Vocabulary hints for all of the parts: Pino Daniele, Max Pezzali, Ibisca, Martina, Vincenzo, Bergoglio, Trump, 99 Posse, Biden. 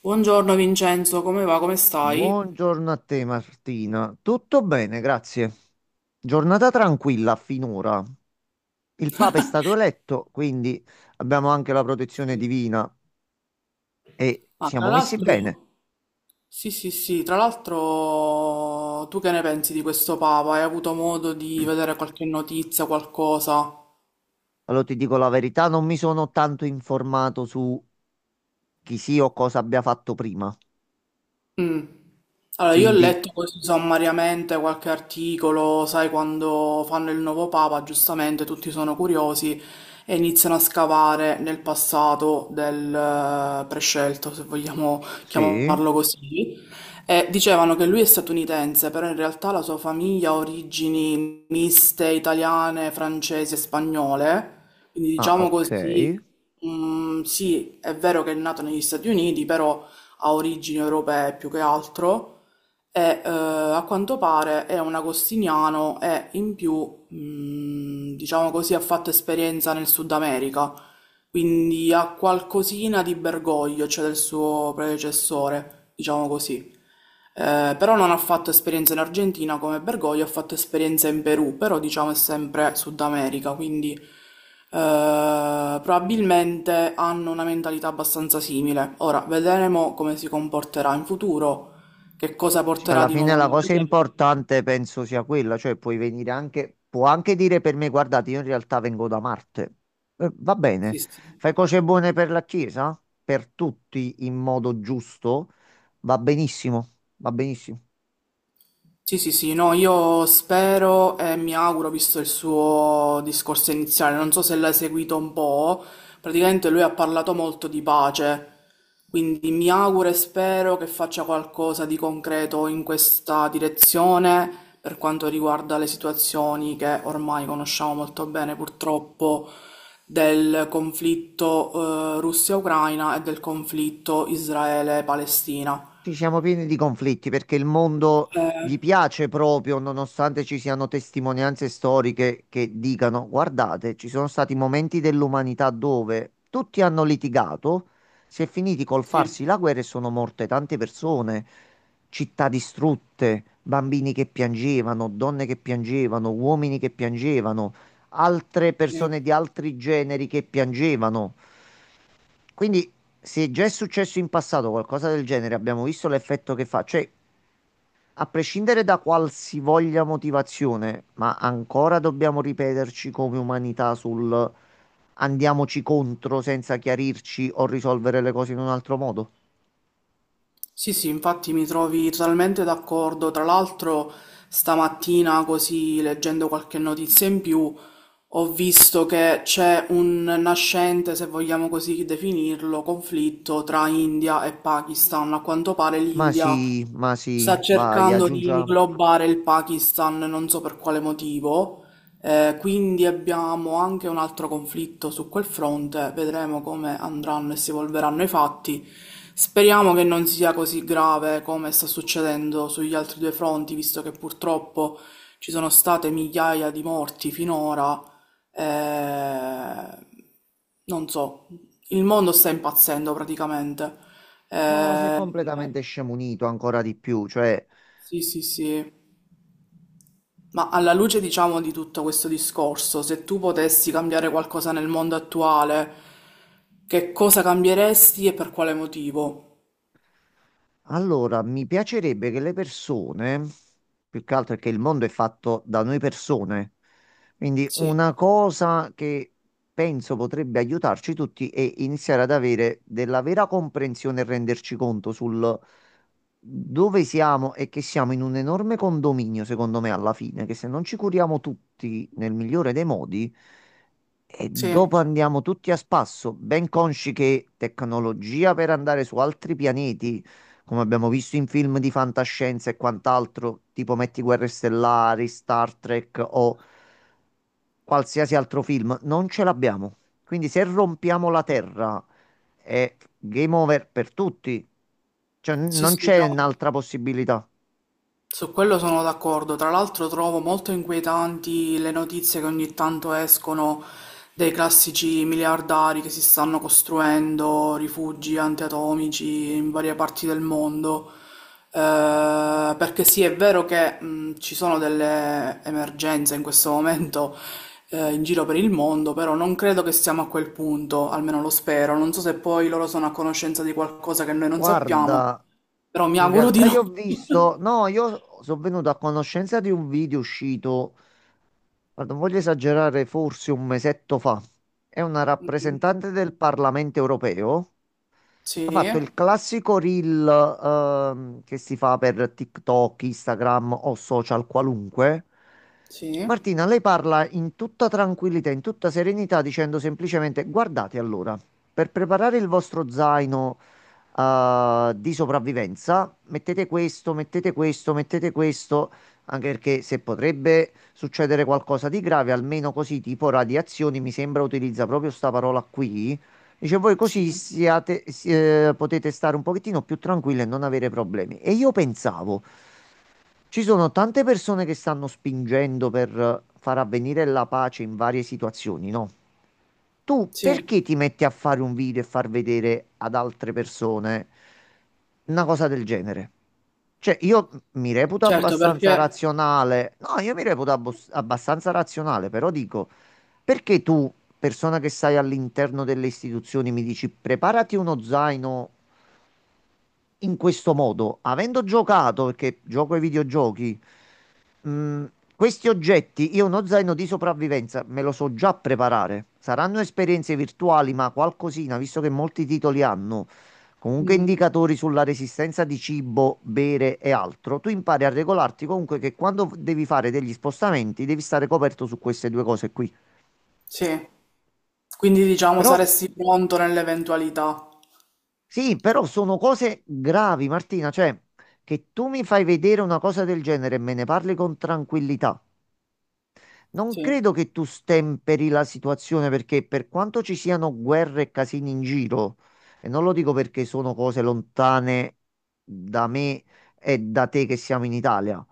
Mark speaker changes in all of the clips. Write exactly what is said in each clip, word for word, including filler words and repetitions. Speaker 1: Buongiorno Vincenzo, come va? Come stai?
Speaker 2: Buongiorno a te Martina, tutto bene, grazie. Giornata tranquilla finora. Il Papa è stato eletto, quindi abbiamo anche la protezione divina e
Speaker 1: Ah, tra
Speaker 2: siamo messi bene.
Speaker 1: l'altro, sì, sì, sì, tra l'altro, tu che ne pensi di questo Papa? Hai avuto modo di vedere qualche notizia, qualcosa?
Speaker 2: Allora ti dico la verità, non mi sono tanto informato su chi sia o cosa abbia fatto prima.
Speaker 1: Mm. Allora, io ho
Speaker 2: Quindi
Speaker 1: letto così sommariamente qualche articolo, sai, quando fanno il nuovo papa, giustamente tutti sono curiosi e iniziano a scavare nel passato del eh, prescelto, se vogliamo
Speaker 2: sì,
Speaker 1: chiamarlo così. E dicevano che lui è statunitense, però in realtà la sua famiglia ha origini miste italiane, francesi e spagnole, quindi
Speaker 2: ah
Speaker 1: diciamo
Speaker 2: ok.
Speaker 1: così, mm, sì, è vero che è nato negli Stati Uniti, però ha origini europee più che altro e eh, a quanto pare è un agostiniano e in più, mh, diciamo così, ha fatto esperienza nel Sud America, quindi ha qualcosina di Bergoglio, cioè del suo predecessore, diciamo così. Eh, però non ha fatto esperienza in Argentina come Bergoglio, ha fatto esperienza in Perù, però diciamo è sempre Sud America, quindi eh, probabilmente hanno una mentalità abbastanza simile. Ora, vedremo come si comporterà in futuro. Che cosa
Speaker 2: Sì.
Speaker 1: porterà
Speaker 2: Alla
Speaker 1: di
Speaker 2: fine
Speaker 1: nuovo
Speaker 2: la
Speaker 1: nella
Speaker 2: cosa
Speaker 1: chiesa?
Speaker 2: importante penso sia quella, cioè puoi venire anche, può anche dire per me, guardate, io in realtà vengo da Marte. Eh, va bene,
Speaker 1: Sì, sì.
Speaker 2: fai cose buone per la Chiesa, per tutti in modo giusto, va benissimo, va benissimo.
Speaker 1: Sì, sì, sì, no, io spero e mi auguro, visto il suo discorso iniziale, non so se l'hai seguito un po', praticamente lui ha parlato molto di pace, quindi mi auguro e spero che faccia qualcosa di concreto in questa direzione per quanto riguarda le situazioni che ormai conosciamo molto bene, purtroppo, del conflitto, eh, Russia-Ucraina e del conflitto Israele-Palestina.
Speaker 2: Ci siamo pieni di conflitti perché il mondo gli
Speaker 1: Eh,
Speaker 2: piace proprio, nonostante ci siano testimonianze storiche che dicano: guardate, ci sono stati momenti dell'umanità dove tutti hanno litigato, si è finiti col
Speaker 1: sì,
Speaker 2: farsi la guerra e sono morte tante persone, città distrutte, bambini che piangevano, donne che piangevano, uomini che piangevano, altre
Speaker 1: sì.
Speaker 2: persone di altri generi che piangevano. Quindi, se già è successo in passato qualcosa del genere, abbiamo visto l'effetto che fa. Cioè, a prescindere da qualsivoglia motivazione, ma ancora dobbiamo ripeterci come umanità sul andiamoci contro senza chiarirci o risolvere le cose in un altro modo?
Speaker 1: Sì, sì, infatti mi trovi totalmente d'accordo. Tra l'altro, stamattina, così leggendo qualche notizia in più, ho visto che c'è un nascente, se vogliamo così definirlo, conflitto tra India e Pakistan. A quanto pare
Speaker 2: Ma
Speaker 1: l'India
Speaker 2: sì, ma sì,
Speaker 1: sta
Speaker 2: vai,
Speaker 1: cercando di
Speaker 2: aggiungiamo.
Speaker 1: inglobare il Pakistan, non so per quale motivo, eh, quindi abbiamo anche un altro conflitto su quel fronte, vedremo come andranno e si evolveranno i fatti. Speriamo che non sia così grave come sta succedendo sugli altri due fronti, visto che purtroppo ci sono state migliaia di morti finora. eh, Non so, il mondo sta impazzendo praticamente.
Speaker 2: No, si è
Speaker 1: Eh,
Speaker 2: completamente scemunito ancora di più, cioè.
Speaker 1: sì, sì, sì. Ma alla luce, diciamo, di tutto questo discorso, se tu potessi cambiare qualcosa nel mondo attuale, che cosa cambieresti e per quale motivo?
Speaker 2: Allora, mi piacerebbe che le persone, più che altro perché il mondo è fatto da noi persone, quindi
Speaker 1: Sì,
Speaker 2: una cosa che penso potrebbe aiutarci tutti è iniziare ad avere della vera comprensione e renderci conto sul dove siamo e che siamo in un enorme condominio, secondo me, alla fine, che se non ci curiamo tutti nel migliore dei modi, e
Speaker 1: sì,
Speaker 2: dopo andiamo tutti a spasso, ben consci che tecnologia per andare su altri pianeti, come abbiamo visto in film di fantascienza e quant'altro, tipo Metti Guerre Stellari, Star Trek o qualsiasi altro film, non ce l'abbiamo. Quindi se rompiamo la Terra è game over per tutti. Cioè, n-
Speaker 1: sì,
Speaker 2: non
Speaker 1: sì,
Speaker 2: c'è
Speaker 1: no.
Speaker 2: un'altra possibilità.
Speaker 1: Su quello sono d'accordo, tra l'altro trovo molto inquietanti le notizie che ogni tanto escono dei classici miliardari che si stanno costruendo rifugi antiatomici in varie parti del mondo. Eh, perché sì, è vero che mh, ci sono delle emergenze in questo momento eh, in giro per il mondo, però non credo che siamo a quel punto, almeno lo spero. Non so se poi loro sono a conoscenza di qualcosa che noi non sappiamo,
Speaker 2: Guarda,
Speaker 1: però mi
Speaker 2: in
Speaker 1: auguro di
Speaker 2: realtà
Speaker 1: no.
Speaker 2: io ho visto, no, io sono venuto a conoscenza di un video uscito. Ma non voglio esagerare, forse un mesetto fa, è una rappresentante del Parlamento europeo. Ha
Speaker 1: Sì,
Speaker 2: fatto il classico reel ehm, che si fa per TikTok, Instagram o social qualunque.
Speaker 1: sì,
Speaker 2: Martina, lei parla in tutta tranquillità, in tutta serenità, dicendo semplicemente: guardate allora, per preparare il vostro zaino eh, di sopravvivenza, mettete questo, mettete questo, mettete questo, anche perché se potrebbe succedere qualcosa di grave, almeno così, tipo radiazioni, mi sembra utilizza proprio sta parola qui. Dice, voi così
Speaker 1: sì,
Speaker 2: siate, si- eh, potete stare un pochettino più tranquilli e non avere problemi. E io pensavo, ci sono tante persone che stanno spingendo per eh, far avvenire la pace in varie situazioni, no? Tu
Speaker 1: sì,
Speaker 2: perché ti metti a fare un video e far vedere ad altre persone una cosa del genere? Cioè, io mi reputo
Speaker 1: certo
Speaker 2: abbastanza
Speaker 1: perché...
Speaker 2: razionale. No, io mi reputo abbos- abbastanza razionale, però dico, perché tu, persona che stai all'interno delle istituzioni, mi dici preparati uno zaino in questo modo, avendo giocato, perché gioco ai videogiochi, mm, questi oggetti, io uno zaino di sopravvivenza me lo so già preparare. Saranno esperienze virtuali, ma qualcosina, visto che molti titoli hanno comunque
Speaker 1: Mm,
Speaker 2: indicatori sulla resistenza di cibo, bere e altro, tu impari a regolarti comunque che quando devi fare degli spostamenti devi stare coperto su queste due cose qui.
Speaker 1: sì, quindi diciamo
Speaker 2: Però
Speaker 1: saresti pronto nell'eventualità.
Speaker 2: sì, però sono cose gravi, Martina, cioè che tu mi fai vedere una cosa del genere e me ne parli con tranquillità. Non
Speaker 1: Sì,
Speaker 2: credo che tu stemperi la situazione perché per quanto ci siano guerre e casini in giro, e non lo dico perché sono cose lontane da me e da te che siamo in Italia,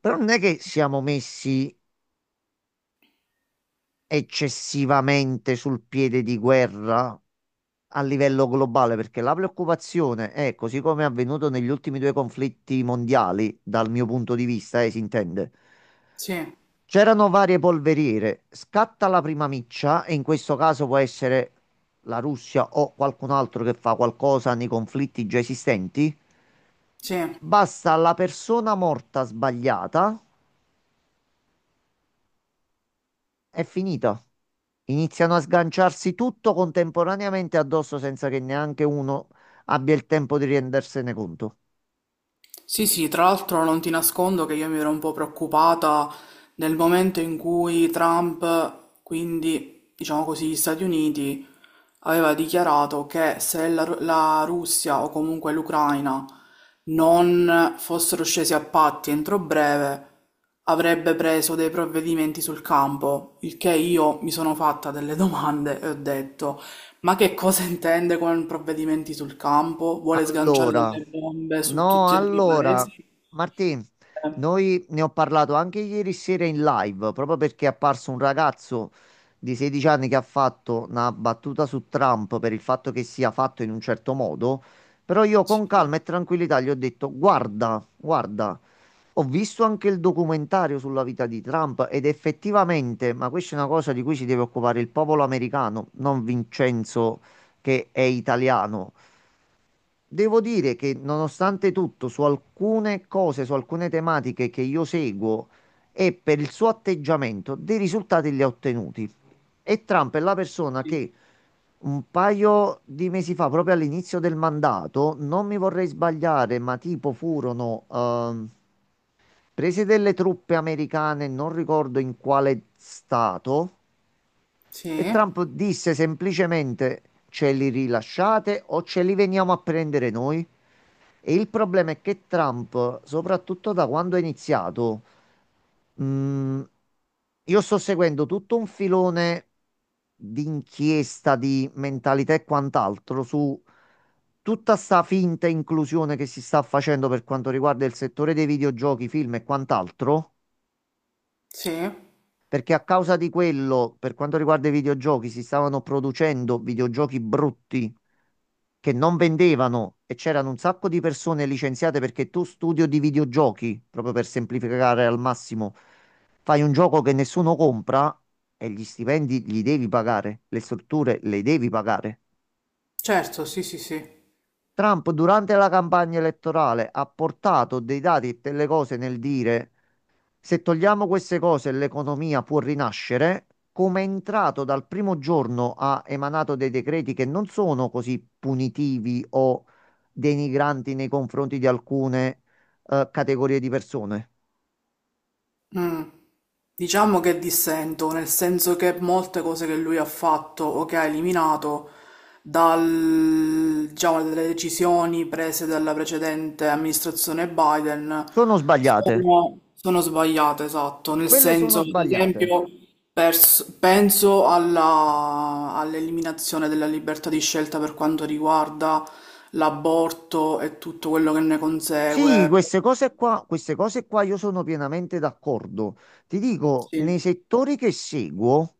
Speaker 2: però non è che siamo messi eccessivamente sul piede di guerra a livello globale, perché la preoccupazione è, così come è avvenuto negli ultimi due conflitti mondiali, dal mio punto di vista, eh, si intende.
Speaker 1: sì,
Speaker 2: C'erano varie polveriere, scatta la prima miccia e in questo caso può essere la Russia o qualcun altro che fa qualcosa nei conflitti già esistenti.
Speaker 1: sì.
Speaker 2: Basta la persona morta sbagliata. È finita. Iniziano a sganciarsi tutto contemporaneamente addosso senza che neanche uno abbia il tempo di rendersene conto.
Speaker 1: Sì, sì, tra l'altro non ti nascondo che io mi ero un po' preoccupata nel momento in cui Trump, quindi diciamo così, gli Stati Uniti aveva dichiarato che se la, Ru- la Russia o comunque l'Ucraina non fossero scesi a patti entro breve, avrebbe preso dei provvedimenti sul campo, il che io mi sono fatta delle domande e ho detto, ma che cosa intende con provvedimenti sul campo? Vuole sganciare
Speaker 2: Allora,
Speaker 1: delle bombe su
Speaker 2: no,
Speaker 1: tutti e due i
Speaker 2: allora,
Speaker 1: paesi?
Speaker 2: Martì,
Speaker 1: Eh,
Speaker 2: noi ne ho parlato anche ieri sera in live, proprio perché è apparso un ragazzo di sedici anni che ha fatto una battuta su Trump per il fatto che sia fatto in un certo modo, però io con
Speaker 1: Sì,
Speaker 2: calma e tranquillità gli ho detto, guarda, guarda, ho visto anche il documentario sulla vita di Trump ed effettivamente, ma questa è una cosa di cui si deve occupare il popolo americano, non Vincenzo che è italiano. Devo dire che nonostante tutto, su alcune cose, su alcune tematiche che io seguo e per il suo atteggiamento, dei risultati li ha ottenuti. E Trump è la persona
Speaker 1: sì,
Speaker 2: che un paio di mesi fa, proprio all'inizio del mandato, non mi vorrei sbagliare, ma tipo furono ehm, prese delle truppe americane, non ricordo in quale stato. E
Speaker 1: sì,
Speaker 2: Trump disse semplicemente ce li rilasciate o ce li veniamo a prendere noi. E il problema è che Trump, soprattutto da quando è iniziato, mh, io sto seguendo tutto un filone di inchiesta, di mentalità e quant'altro su tutta sta finta inclusione che si sta facendo per quanto riguarda il settore dei videogiochi, film e quant'altro.
Speaker 1: sì,
Speaker 2: Perché a causa di quello, per quanto riguarda i videogiochi, si stavano producendo videogiochi brutti che non vendevano e c'erano un sacco di persone licenziate perché tu studio di videogiochi, proprio per semplificare al massimo, fai un gioco che nessuno compra e gli stipendi li devi pagare, le strutture le devi pagare.
Speaker 1: certo, sì, sì, sì.
Speaker 2: Trump durante la campagna elettorale ha portato dei dati e delle cose nel dire se togliamo queste cose, l'economia può rinascere. Come è entrato dal primo giorno ha emanato dei decreti che non sono così punitivi o denigranti nei confronti di alcune eh, categorie di persone.
Speaker 1: Mm. Diciamo che dissento, nel senso che molte cose che lui ha fatto o che ha eliminato dal- diciamo, dalle decisioni prese dalla precedente amministrazione Biden
Speaker 2: Sono sbagliate.
Speaker 1: sono, sono sbagliate, esatto. Nel
Speaker 2: Quelle
Speaker 1: senso,
Speaker 2: sono
Speaker 1: ad
Speaker 2: sbagliate.
Speaker 1: esempio, pers- penso alla- all'eliminazione della libertà di scelta per quanto riguarda l'aborto e tutto quello che ne
Speaker 2: Sì,
Speaker 1: consegue.
Speaker 2: queste cose qua, queste cose qua io sono pienamente d'accordo. Ti dico, nei
Speaker 1: Sì,
Speaker 2: settori che seguo,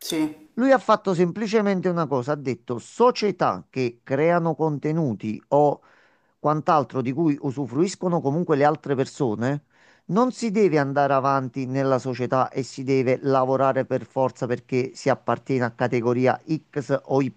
Speaker 1: sì.
Speaker 2: lui ha fatto semplicemente una cosa, ha detto società che creano contenuti o quant'altro di cui usufruiscono comunque le altre persone, non si deve andare avanti nella società e si deve lavorare per forza perché si appartiene a categoria X o Y,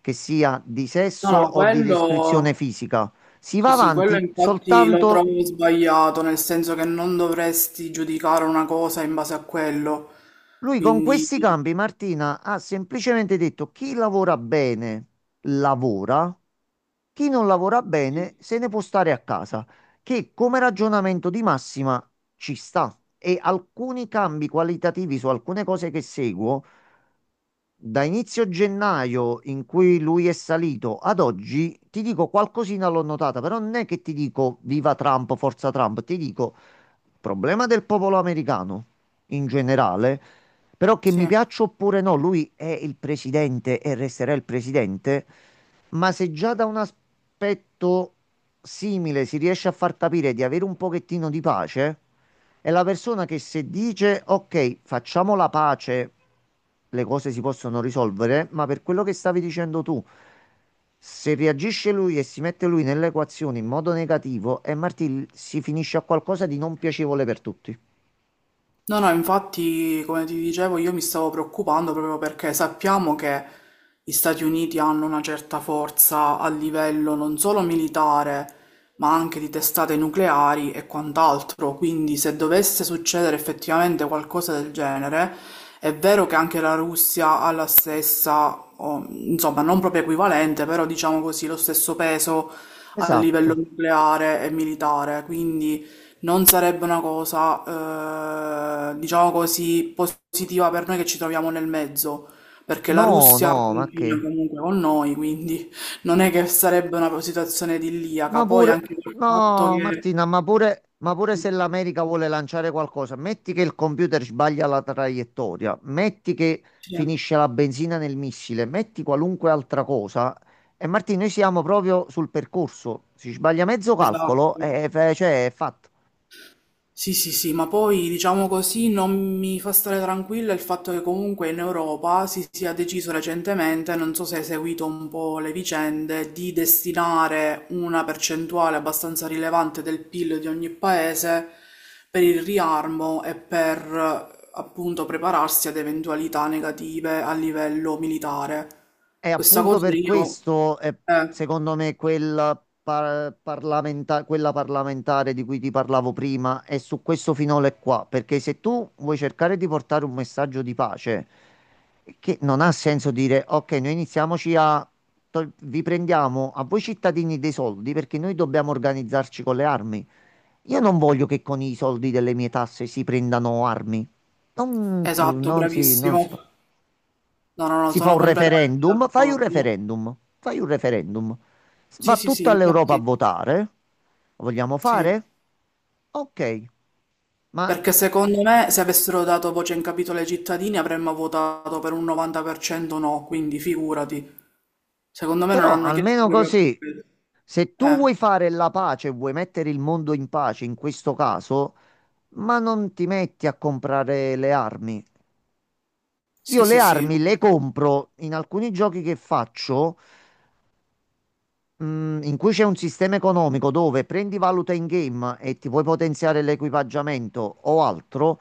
Speaker 2: che sia di
Speaker 1: No,
Speaker 2: sesso
Speaker 1: no,
Speaker 2: o di
Speaker 1: quello
Speaker 2: descrizione fisica. Si
Speaker 1: sì,
Speaker 2: va
Speaker 1: sì, quello
Speaker 2: avanti
Speaker 1: infatti lo
Speaker 2: soltanto.
Speaker 1: trovo sbagliato, nel senso che non dovresti giudicare una cosa in base a quello.
Speaker 2: Lui con
Speaker 1: Quindi
Speaker 2: questi cambi, Martina, ha semplicemente detto chi lavora bene lavora, chi non lavora bene se ne può stare a casa, che come ragionamento di massima ci sta. E alcuni cambi qualitativi su alcune cose che seguo da inizio gennaio in cui lui è salito ad oggi, ti dico qualcosina l'ho notata, però non è che ti dico viva Trump, forza Trump, ti dico problema del popolo americano in generale, però che mi
Speaker 1: sì.
Speaker 2: piaccia oppure no, lui è il presidente e resterà il presidente, ma se già da un aspetto simile si riesce a far capire di avere un pochettino di pace, è la persona che se dice ok, facciamo la pace, le cose si possono risolvere, ma per quello che stavi dicendo tu, se reagisce lui e si mette lui nell'equazione in modo negativo, e Martì si finisce a qualcosa di non piacevole per tutti.
Speaker 1: No, no, infatti, come ti dicevo, io mi stavo preoccupando proprio perché sappiamo che gli Stati Uniti hanno una certa forza a livello non solo militare, ma anche di testate nucleari e quant'altro. Quindi, se dovesse succedere effettivamente qualcosa del genere, è vero che anche la Russia ha la stessa, o, insomma, non proprio equivalente, però diciamo così, lo stesso peso a livello
Speaker 2: Esatto.
Speaker 1: nucleare e militare. Quindi. Non sarebbe una cosa, eh, diciamo così, positiva per noi che ci troviamo nel mezzo, perché la
Speaker 2: No,
Speaker 1: Russia
Speaker 2: no, ma
Speaker 1: confina
Speaker 2: che?
Speaker 1: comunque con noi, quindi non è che sarebbe una situazione idilliaca.
Speaker 2: Ma
Speaker 1: Poi
Speaker 2: pure,
Speaker 1: anche il fatto
Speaker 2: no,
Speaker 1: che...
Speaker 2: Martina, ma pure, ma pure se l'America vuole lanciare qualcosa, metti che il computer sbaglia la traiettoria, metti che
Speaker 1: Sì,
Speaker 2: finisce la benzina nel missile, metti qualunque altra cosa. E Martina, noi siamo proprio sul percorso. Si sbaglia mezzo
Speaker 1: esatto.
Speaker 2: calcolo e fe- cioè, è fatto.
Speaker 1: Sì, sì, sì, ma poi diciamo così non mi fa stare tranquilla il fatto che comunque in Europa si sia deciso recentemente, non so se hai seguito un po' le vicende, di destinare una percentuale abbastanza rilevante del P I L di ogni paese per il riarmo e per eh, appunto prepararsi ad eventualità negative a livello militare.
Speaker 2: E
Speaker 1: Questa
Speaker 2: appunto
Speaker 1: cosa
Speaker 2: per
Speaker 1: io...
Speaker 2: questo, eh,
Speaker 1: eh,
Speaker 2: secondo me, quel par- parlamenta- quella parlamentare di cui ti parlavo prima è su questo finale qua. Perché se tu vuoi cercare di portare un messaggio di pace, che non ha senso dire, ok, noi iniziamoci a... tol- vi prendiamo a voi cittadini dei soldi perché noi dobbiamo organizzarci con le armi. Io non voglio che con i soldi delle mie tasse si prendano armi. Non,
Speaker 1: esatto,
Speaker 2: non si, non si
Speaker 1: bravissimo.
Speaker 2: fa.
Speaker 1: No, no, no,
Speaker 2: Si fa
Speaker 1: sono
Speaker 2: un
Speaker 1: completamente
Speaker 2: referendum, fai un
Speaker 1: d'accordo.
Speaker 2: referendum, fai un referendum.
Speaker 1: Sì,
Speaker 2: Va
Speaker 1: sì, sì,
Speaker 2: tutta l'Europa a
Speaker 1: infatti.
Speaker 2: votare. Lo vogliamo
Speaker 1: Sì,
Speaker 2: fare? Ok, ma
Speaker 1: perché secondo me se avessero dato voce in capitolo ai cittadini avremmo votato per un novanta per cento no, quindi figurati. Secondo me non
Speaker 2: però
Speaker 1: hanno chiesto
Speaker 2: almeno
Speaker 1: proprio per
Speaker 2: così,
Speaker 1: quello.
Speaker 2: se tu
Speaker 1: Eh,
Speaker 2: vuoi fare la pace, vuoi mettere il mondo in pace in questo caso, ma non ti metti a comprare le armi. Io
Speaker 1: sì,
Speaker 2: le
Speaker 1: sì, sì, no.
Speaker 2: armi le compro in alcuni giochi che faccio mm, in cui c'è un sistema economico dove prendi valuta in game e ti puoi potenziare l'equipaggiamento o altro,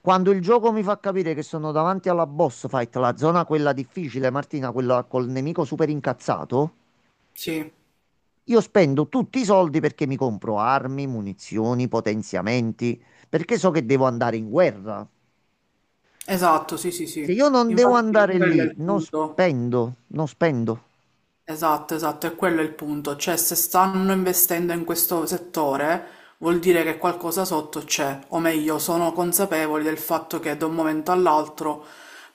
Speaker 2: quando il gioco mi fa capire che sono davanti alla boss fight, la zona quella difficile, Martina, quella col nemico super incazzato,
Speaker 1: Sì,
Speaker 2: io spendo tutti i soldi perché mi compro armi, munizioni, potenziamenti, perché so che devo andare in guerra.
Speaker 1: esatto, sì, sì,
Speaker 2: Se
Speaker 1: sì.
Speaker 2: io non devo
Speaker 1: Infatti
Speaker 2: andare
Speaker 1: quello è
Speaker 2: lì,
Speaker 1: il
Speaker 2: non
Speaker 1: punto.
Speaker 2: spendo, non spendo.
Speaker 1: Esatto, esatto, è quello il punto, cioè se stanno investendo in questo settore vuol dire che qualcosa sotto c'è, o meglio, sono consapevoli del fatto che da un momento all'altro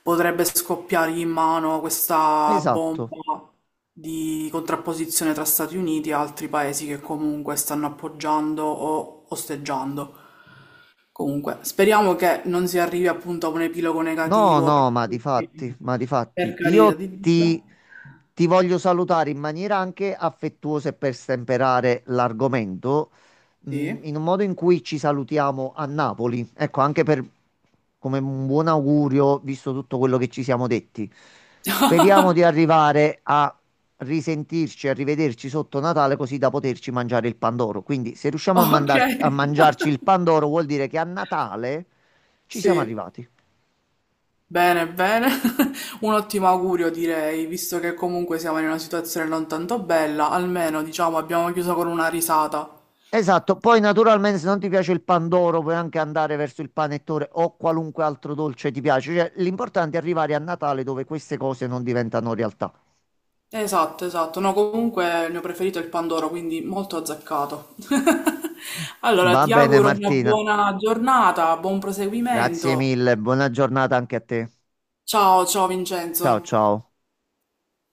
Speaker 1: potrebbe scoppiargli in mano questa
Speaker 2: Esatto.
Speaker 1: bomba di contrapposizione tra Stati Uniti e altri paesi che comunque stanno appoggiando o osteggiando. Comunque, speriamo che non si arrivi appunto a un epilogo
Speaker 2: No,
Speaker 1: negativo
Speaker 2: no,
Speaker 1: per
Speaker 2: ma
Speaker 1: tutti,
Speaker 2: difatti, ma
Speaker 1: per
Speaker 2: difatti,
Speaker 1: carità
Speaker 2: io
Speaker 1: di
Speaker 2: ti,
Speaker 1: Dio.
Speaker 2: ti voglio salutare in maniera anche affettuosa e per stemperare l'argomento, mm,
Speaker 1: Sì.
Speaker 2: in un modo in cui ci salutiamo a Napoli. Ecco, anche per, come un buon augurio, visto tutto quello che ci siamo detti. Speriamo di arrivare a risentirci, a rivederci sotto Natale, così da poterci mangiare il Pandoro. Quindi, se riusciamo a mandar- a
Speaker 1: Okay.
Speaker 2: mangiarci il Pandoro, vuol dire che a Natale ci siamo
Speaker 1: Sì,
Speaker 2: arrivati.
Speaker 1: bene, bene. Un ottimo augurio direi, visto che comunque siamo in una situazione non tanto bella, almeno diciamo abbiamo chiuso con una risata.
Speaker 2: Esatto, poi naturalmente se non ti piace il pandoro puoi anche andare verso il panettone o qualunque altro dolce ti piace, cioè l'importante è arrivare a Natale dove queste cose non diventano realtà.
Speaker 1: Esatto, esatto. No, comunque il mio preferito è il Pandoro, quindi molto azzeccato. Allora,
Speaker 2: Va
Speaker 1: ti
Speaker 2: bene
Speaker 1: auguro una
Speaker 2: Martina,
Speaker 1: buona giornata, buon
Speaker 2: grazie
Speaker 1: proseguimento.
Speaker 2: mille, buona giornata anche a te.
Speaker 1: Ciao, ciao
Speaker 2: Ciao
Speaker 1: Vincenzo.
Speaker 2: ciao.